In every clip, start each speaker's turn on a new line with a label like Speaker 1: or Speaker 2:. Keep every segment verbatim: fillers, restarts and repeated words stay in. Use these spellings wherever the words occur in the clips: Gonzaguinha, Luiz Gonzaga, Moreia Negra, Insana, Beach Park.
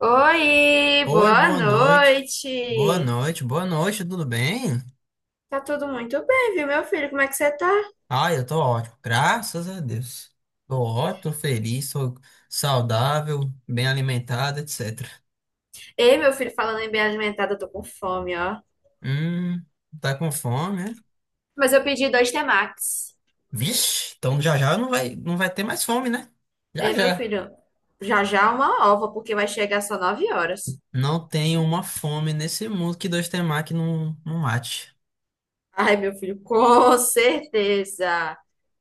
Speaker 1: Oi,
Speaker 2: Oi,
Speaker 1: boa
Speaker 2: boa noite. Boa
Speaker 1: noite.
Speaker 2: noite, boa noite, tudo bem?
Speaker 1: Tá tudo muito bem, viu, meu filho? Como é que você tá?
Speaker 2: Ah, eu tô ótimo, graças a Deus. Tô ótimo, tô feliz, tô saudável, bem alimentado, etcétera.
Speaker 1: Ei, meu filho, falando em bem alimentado, eu tô com fome, ó.
Speaker 2: Hum, tá com fome, né?
Speaker 1: Mas eu pedi dois temakis.
Speaker 2: Vixe, então já já não vai, não vai ter mais fome, né? Já
Speaker 1: Ei, meu
Speaker 2: já.
Speaker 1: filho, já já uma ova, porque vai chegar só nove horas.
Speaker 2: Não tem uma fome nesse mundo que dois temaki que não, não mate.
Speaker 1: Ai, meu filho, com certeza.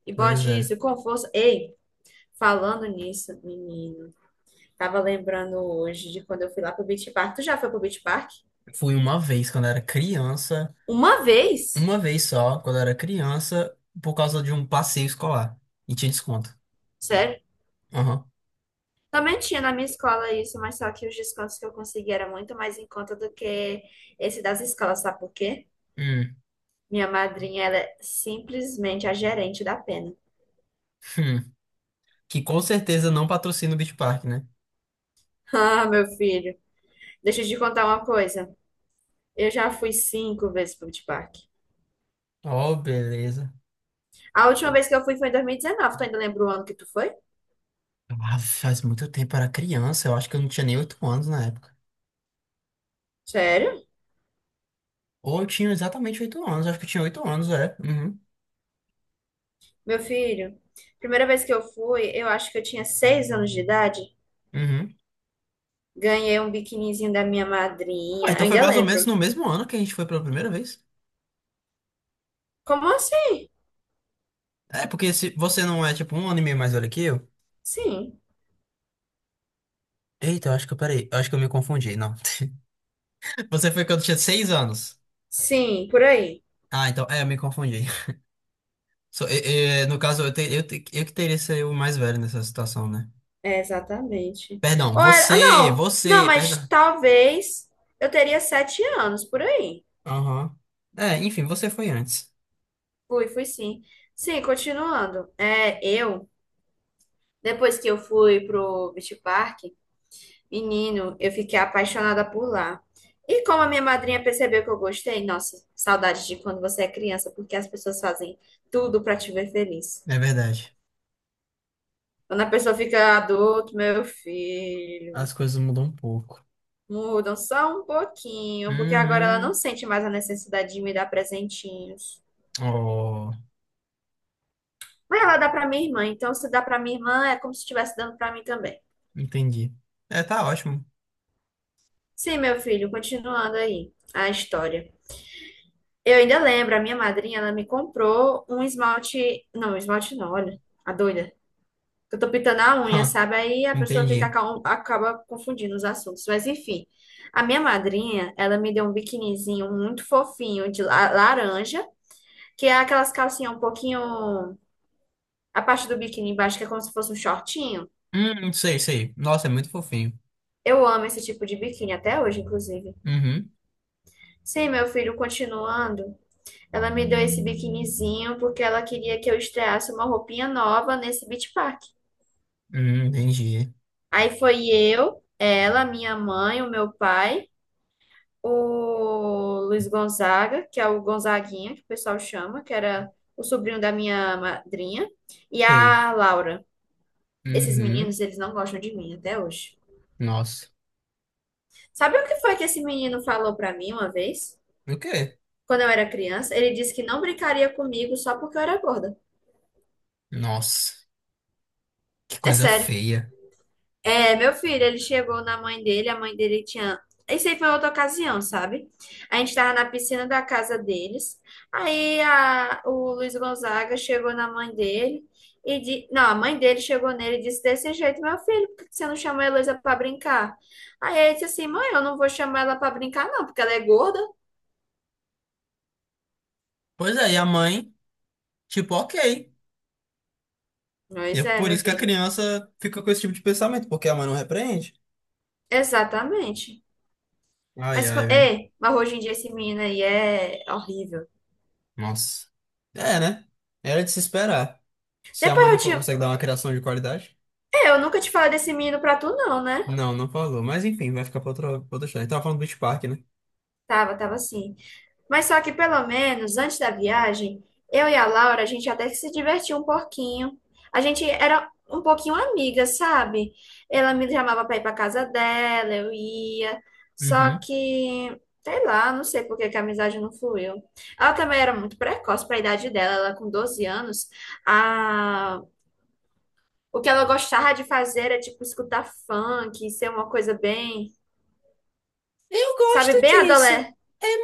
Speaker 1: E
Speaker 2: Pois
Speaker 1: bote
Speaker 2: é.
Speaker 1: isso com força. Ei, falando nisso, menino, tava lembrando hoje de quando eu fui lá pro Beach Park. Tu já foi pro Beach Park?
Speaker 2: Fui uma vez quando era criança,
Speaker 1: Uma vez?
Speaker 2: uma vez só, quando era criança, por causa de um passeio escolar. E tinha desconto.
Speaker 1: sério?
Speaker 2: Aham.
Speaker 1: Também tinha na minha escola isso, mas só que os descontos que eu consegui era muito mais em conta do que esse das escolas, sabe por quê?
Speaker 2: Hum,
Speaker 1: Minha madrinha, ela é simplesmente a gerente da pena.
Speaker 2: hum. Que com certeza não patrocina o Beach Park, né?
Speaker 1: Ah, meu filho, deixa eu te contar uma coisa. Eu já fui cinco vezes pro Beach Park.
Speaker 2: Oh, beleza.
Speaker 1: A última vez que eu fui foi em dois mil e dezenove. Tu ainda lembra o ano que tu foi?
Speaker 2: Ah, faz muito tempo, eu era criança. Eu acho que eu não tinha nem oito anos na época.
Speaker 1: Sério?
Speaker 2: Ou eu tinha exatamente oito anos. Acho que eu tinha oito anos, é. Uhum.
Speaker 1: Meu filho, primeira vez que eu fui, eu acho que eu tinha seis anos de idade.
Speaker 2: Uhum.
Speaker 1: Ganhei um biquinizinho da minha
Speaker 2: Ué,
Speaker 1: madrinha. Eu
Speaker 2: então foi
Speaker 1: ainda
Speaker 2: mais ou menos
Speaker 1: lembro.
Speaker 2: no mesmo ano que a gente foi pela primeira vez.
Speaker 1: Como assim?
Speaker 2: É, porque se você não é tipo um ano e meio mais velho que eu.
Speaker 1: Sim.
Speaker 2: Eita, eu acho que eu peraí. Eu acho que eu me confundi, não. Você foi quando eu tinha seis anos.
Speaker 1: Sim, por aí.
Speaker 2: Ah, então, é, eu me confundi. So, e- e, no caso, eu, te- eu, te- eu que teria que ser o mais velho nessa situação, né?
Speaker 1: É, exatamente.
Speaker 2: Perdão,
Speaker 1: Ou era- ah,
Speaker 2: você,
Speaker 1: não, não,
Speaker 2: você,
Speaker 1: mas
Speaker 2: perdão.
Speaker 1: talvez eu teria sete anos, por aí.
Speaker 2: Aham. É, enfim, você foi antes.
Speaker 1: Fui, fui sim. Sim, continuando. É, eu, depois que eu fui pro Beach Park, menino, eu fiquei apaixonada por lá. E como a minha madrinha percebeu que eu gostei, nossa, saudade de quando você é criança, porque as pessoas fazem tudo pra te ver feliz.
Speaker 2: É verdade.
Speaker 1: Quando a pessoa fica adulto, meu filho.
Speaker 2: As coisas mudam um pouco.
Speaker 1: Mudam só um pouquinho, porque agora ela não
Speaker 2: Uhum.
Speaker 1: sente mais a necessidade de me dar presentinhos.
Speaker 2: Oh,
Speaker 1: Mas ela dá para minha irmã, então se dá para minha irmã é como se estivesse dando para mim também.
Speaker 2: entendi. É, tá ótimo.
Speaker 1: Sim, meu filho, continuando aí a história. Eu ainda lembro, a minha madrinha, ela me comprou um esmalte, não, esmalte não, olha, a doida. Eu tô pintando a unha,
Speaker 2: Hã,
Speaker 1: sabe? Aí a pessoa fica
Speaker 2: entendi.
Speaker 1: acaba, acaba confundindo os assuntos. Mas enfim, a minha madrinha, ela me deu um biquinizinho muito fofinho de la- laranja que é aquelas calcinhas um pouquinho. A parte do biquíni embaixo, que é como se fosse um shortinho.
Speaker 2: Hum, sei, sei. Nossa, é muito fofinho.
Speaker 1: Eu amo esse tipo de biquíni, até hoje, inclusive.
Speaker 2: Uhum.
Speaker 1: Sim, meu filho, continuando, ela me deu esse biquinizinho porque ela queria que eu estreasse uma roupinha nova nesse Beach Park.
Speaker 2: Hum, entendi.
Speaker 1: Aí foi eu, ela, minha mãe, o meu pai, o Luiz Gonzaga, que é o Gonzaguinha, que o pessoal chama, que era o sobrinho da minha madrinha, e
Speaker 2: Sei.
Speaker 1: a Laura. Esses
Speaker 2: Uhum.
Speaker 1: meninos, eles não gostam de mim até hoje.
Speaker 2: Nossa.
Speaker 1: Sabe o que foi que esse menino falou pra mim uma vez?
Speaker 2: O quê?
Speaker 1: Quando eu era criança, ele disse que não brincaria comigo só porque eu era gorda.
Speaker 2: Nossa, que
Speaker 1: É
Speaker 2: coisa
Speaker 1: sério.
Speaker 2: feia.
Speaker 1: É, meu filho, ele chegou na mãe dele, a mãe dele tinha. Isso aí foi outra ocasião, sabe? A gente tava na piscina da casa deles. Aí a- o Luiz Gonzaga chegou na mãe dele e di... Não, a mãe dele chegou nele e disse desse jeito, meu filho, por que você não chamou a Heloísa pra brincar? Aí ele disse assim, mãe, eu não vou chamar ela pra brincar, não, porque ela é gorda.
Speaker 2: Pois é, e a mãe, tipo, ok. E é
Speaker 1: Pois é,
Speaker 2: por
Speaker 1: meu
Speaker 2: isso que a
Speaker 1: filho.
Speaker 2: criança fica com esse tipo de pensamento, porque a mãe não repreende.
Speaker 1: Exatamente.
Speaker 2: Ai,
Speaker 1: Mas, co-
Speaker 2: ai, viu?
Speaker 1: é, mas hoje em dia esse menino aí é horrível.
Speaker 2: Nossa. É, né? Era de se esperar. Se a
Speaker 1: Depois
Speaker 2: mãe
Speaker 1: eu
Speaker 2: não co-
Speaker 1: tinha.
Speaker 2: consegue dar uma criação de qualidade.
Speaker 1: É, eu nunca te falei desse menino pra tu, não, né?
Speaker 2: Não, não falou. Mas enfim, vai ficar pra outra, pra outra história. Tava falando do Beach Park, né?
Speaker 1: Tava, tava assim. Mas só que pelo menos antes da viagem, eu e a Laura, a gente até que se divertia um pouquinho. A gente era um pouquinho amiga, sabe? Ela me chamava pra ir pra casa dela, eu ia. Só
Speaker 2: Uhum.
Speaker 1: que, sei lá, não sei por que que a amizade não fluiu. Ela também era muito precoce pra idade dela, ela com doze anos. A O que ela gostava de fazer era, tipo, escutar funk, ser uma coisa bem,
Speaker 2: Eu
Speaker 1: sabe, bem
Speaker 2: gosto.
Speaker 1: adolé.
Speaker 2: É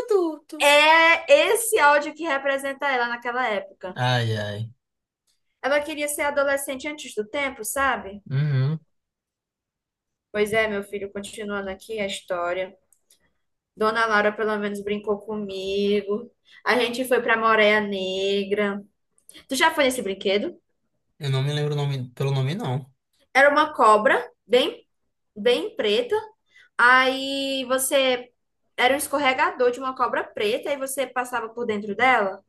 Speaker 2: mútuo.
Speaker 1: É esse áudio que representa ela naquela época.
Speaker 2: Ai, ai.
Speaker 1: Ela queria ser adolescente antes do tempo, sabe?
Speaker 2: Uhum.
Speaker 1: Pois é, meu filho, continuando aqui a história. Dona Laura pelo menos brincou comigo. A gente foi pra Moreia Negra. Tu já foi nesse brinquedo?
Speaker 2: Eu não me lembro o nome, pelo nome, não.
Speaker 1: Era uma cobra bem bem preta. Aí você era um escorregador de uma cobra preta e você passava por dentro dela.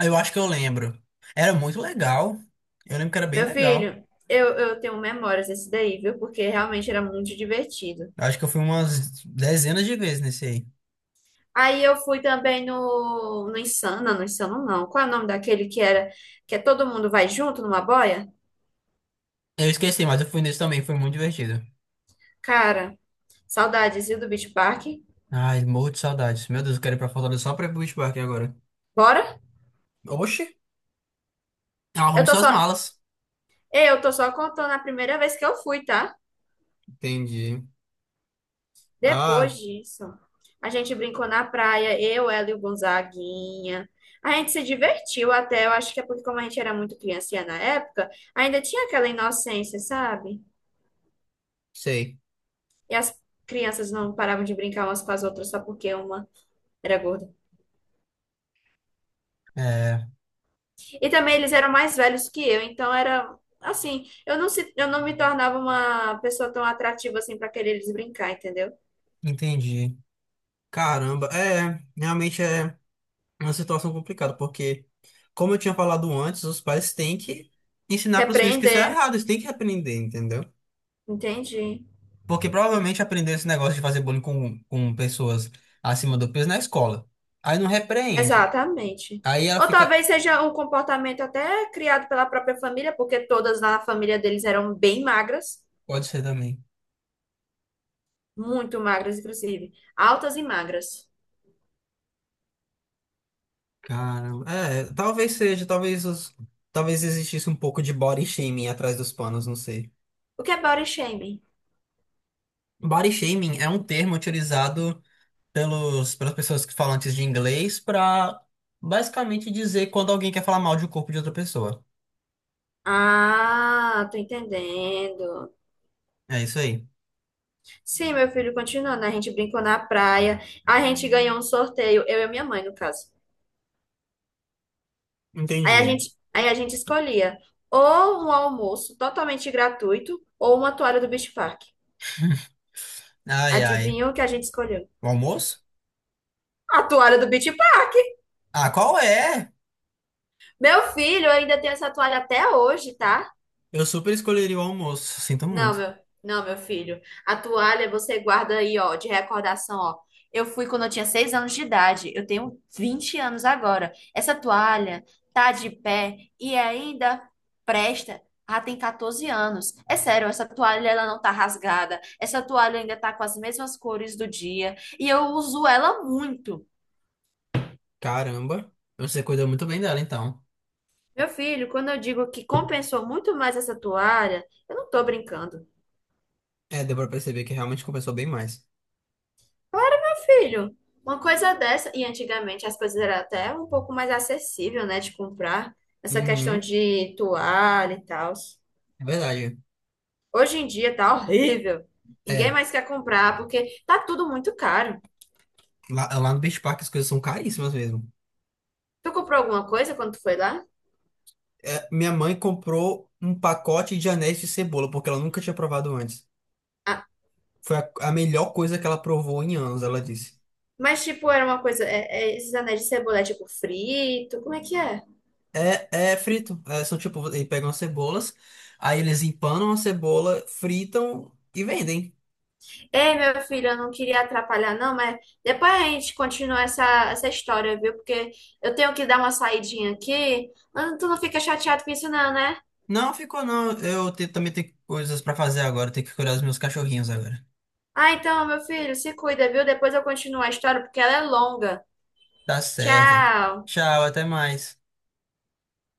Speaker 2: Eu acho que eu lembro. Era muito legal. Eu lembro que era bem
Speaker 1: Meu
Speaker 2: legal.
Speaker 1: filho, eu, eu tenho memórias desse daí, viu? Porque realmente era muito divertido.
Speaker 2: Eu acho que eu fui umas dezenas de vezes nesse aí.
Speaker 1: Aí eu fui também no, no Insana, no Insano não. Qual é o nome daquele que era que é todo mundo vai junto numa boia?
Speaker 2: Eu esqueci, mas eu fui nesse também. Foi muito divertido.
Speaker 1: Cara, saudades, viu, do Beach Park?
Speaker 2: Ai, morro de saudades. Meu Deus, eu quero ir pra Fortaleza só pra ir pro Beach Park agora.
Speaker 1: Bora?
Speaker 2: Oxi. Ela
Speaker 1: Eu
Speaker 2: arrume
Speaker 1: tô
Speaker 2: suas
Speaker 1: só,
Speaker 2: malas.
Speaker 1: eu tô só contando a primeira vez que eu fui, tá?
Speaker 2: Entendi. Ah,
Speaker 1: Depois disso, a gente brincou na praia, eu, ela e o Gonzaguinha. A gente se divertiu até, eu acho que é porque como a gente era muito criancinha na época, ainda tinha aquela inocência, sabe?
Speaker 2: sei.
Speaker 1: E as crianças não paravam de brincar umas com as outras só porque uma era gorda.
Speaker 2: É,
Speaker 1: E também eles eram mais velhos que eu, então era assim, eu não se, eu não me tornava uma pessoa tão atrativa assim para querer eles brincar, entendeu?
Speaker 2: entendi. Caramba, é, realmente é uma situação complicada, porque, como eu tinha falado antes, os pais têm que ensinar para os filhos que isso é
Speaker 1: Repreender,
Speaker 2: errado, eles têm que aprender, entendeu?
Speaker 1: entendi.
Speaker 2: Porque provavelmente aprendeu esse negócio de fazer bullying com, com pessoas acima do peso na escola. Aí não repreende.
Speaker 1: Exatamente.
Speaker 2: Aí ela
Speaker 1: Ou
Speaker 2: fica.
Speaker 1: talvez seja um comportamento até criado pela própria família, porque todas na família deles eram bem magras,
Speaker 2: Pode ser também.
Speaker 1: muito magras, inclusive, altas e magras.
Speaker 2: Caramba. É, talvez seja, talvez os. Talvez existisse um pouco de body shaming atrás dos panos, não sei.
Speaker 1: O que é body shaming?
Speaker 2: Body shaming é um termo utilizado pelos, pelas pessoas que falam antes de inglês para basicamente dizer quando alguém quer falar mal de um corpo de outra pessoa.
Speaker 1: Ah, tô entendendo.
Speaker 2: É isso aí.
Speaker 1: Sim, meu filho, continuando, a gente brincou na praia, a gente ganhou um sorteio, eu e minha mãe, no caso. Aí a
Speaker 2: Entendi.
Speaker 1: gente, aí a gente escolhia ou um almoço totalmente gratuito ou uma toalha do Beach Park.
Speaker 2: Ai, ai.
Speaker 1: Adivinha o que a gente escolheu?
Speaker 2: O almoço?
Speaker 1: A toalha do Beach.
Speaker 2: Ah, qual é?
Speaker 1: Meu filho ainda tem essa toalha até hoje, tá?
Speaker 2: Eu super escolheria o almoço. Sinto
Speaker 1: Não,
Speaker 2: muito.
Speaker 1: meu, não, meu filho. A toalha você guarda aí, ó, de recordação, ó. Eu fui quando eu tinha seis anos de idade. Eu tenho vinte anos agora. Essa toalha tá de pé e ainda presta. Ah, tem quatorze anos. É sério, essa toalha ela não tá rasgada. Essa toalha ainda tá com as mesmas cores do dia e eu uso ela muito.
Speaker 2: Caramba. Você cuidou muito bem dela, então.
Speaker 1: Meu filho, quando eu digo que compensou muito mais essa toalha, eu não tô brincando.
Speaker 2: É, deu pra perceber que realmente compensou bem mais.
Speaker 1: Claro, meu filho. Uma coisa dessa, e antigamente as coisas eram até um pouco mais acessível, né, de comprar, essa questão
Speaker 2: Uhum.
Speaker 1: de toalha e tal.
Speaker 2: É verdade.
Speaker 1: Hoje em dia tá horrível. Ninguém
Speaker 2: É.
Speaker 1: mais quer comprar porque tá tudo muito caro.
Speaker 2: Lá, lá no Beach Park as coisas são caríssimas mesmo.
Speaker 1: Tu comprou alguma coisa quando tu foi lá?
Speaker 2: É, minha mãe comprou um pacote de anéis de cebola, porque ela nunca tinha provado antes.
Speaker 1: Ah,
Speaker 2: Foi a, a melhor coisa que ela provou em anos, ela disse.
Speaker 1: mas tipo, era uma coisa, é- é esses anéis de cebola, é tipo frito, como é que é?
Speaker 2: É, é frito. É, são tipo, eles pegam as cebolas, aí eles empanam a cebola, fritam e vendem.
Speaker 1: Ei, meu filho, eu não queria atrapalhar, não, mas depois a gente continua essa, essa história, viu? Porque eu tenho que dar uma saidinha aqui. Ah, Tu não fica chateado com isso, não, né?
Speaker 2: Não ficou, não. Eu te- também tenho coisas pra fazer agora, tenho que cuidar dos meus cachorrinhos agora.
Speaker 1: Ah, então, meu filho, se cuida, viu? Depois eu continuo a história, porque ela é longa.
Speaker 2: Tá certo.
Speaker 1: Tchau!
Speaker 2: Tchau, até mais.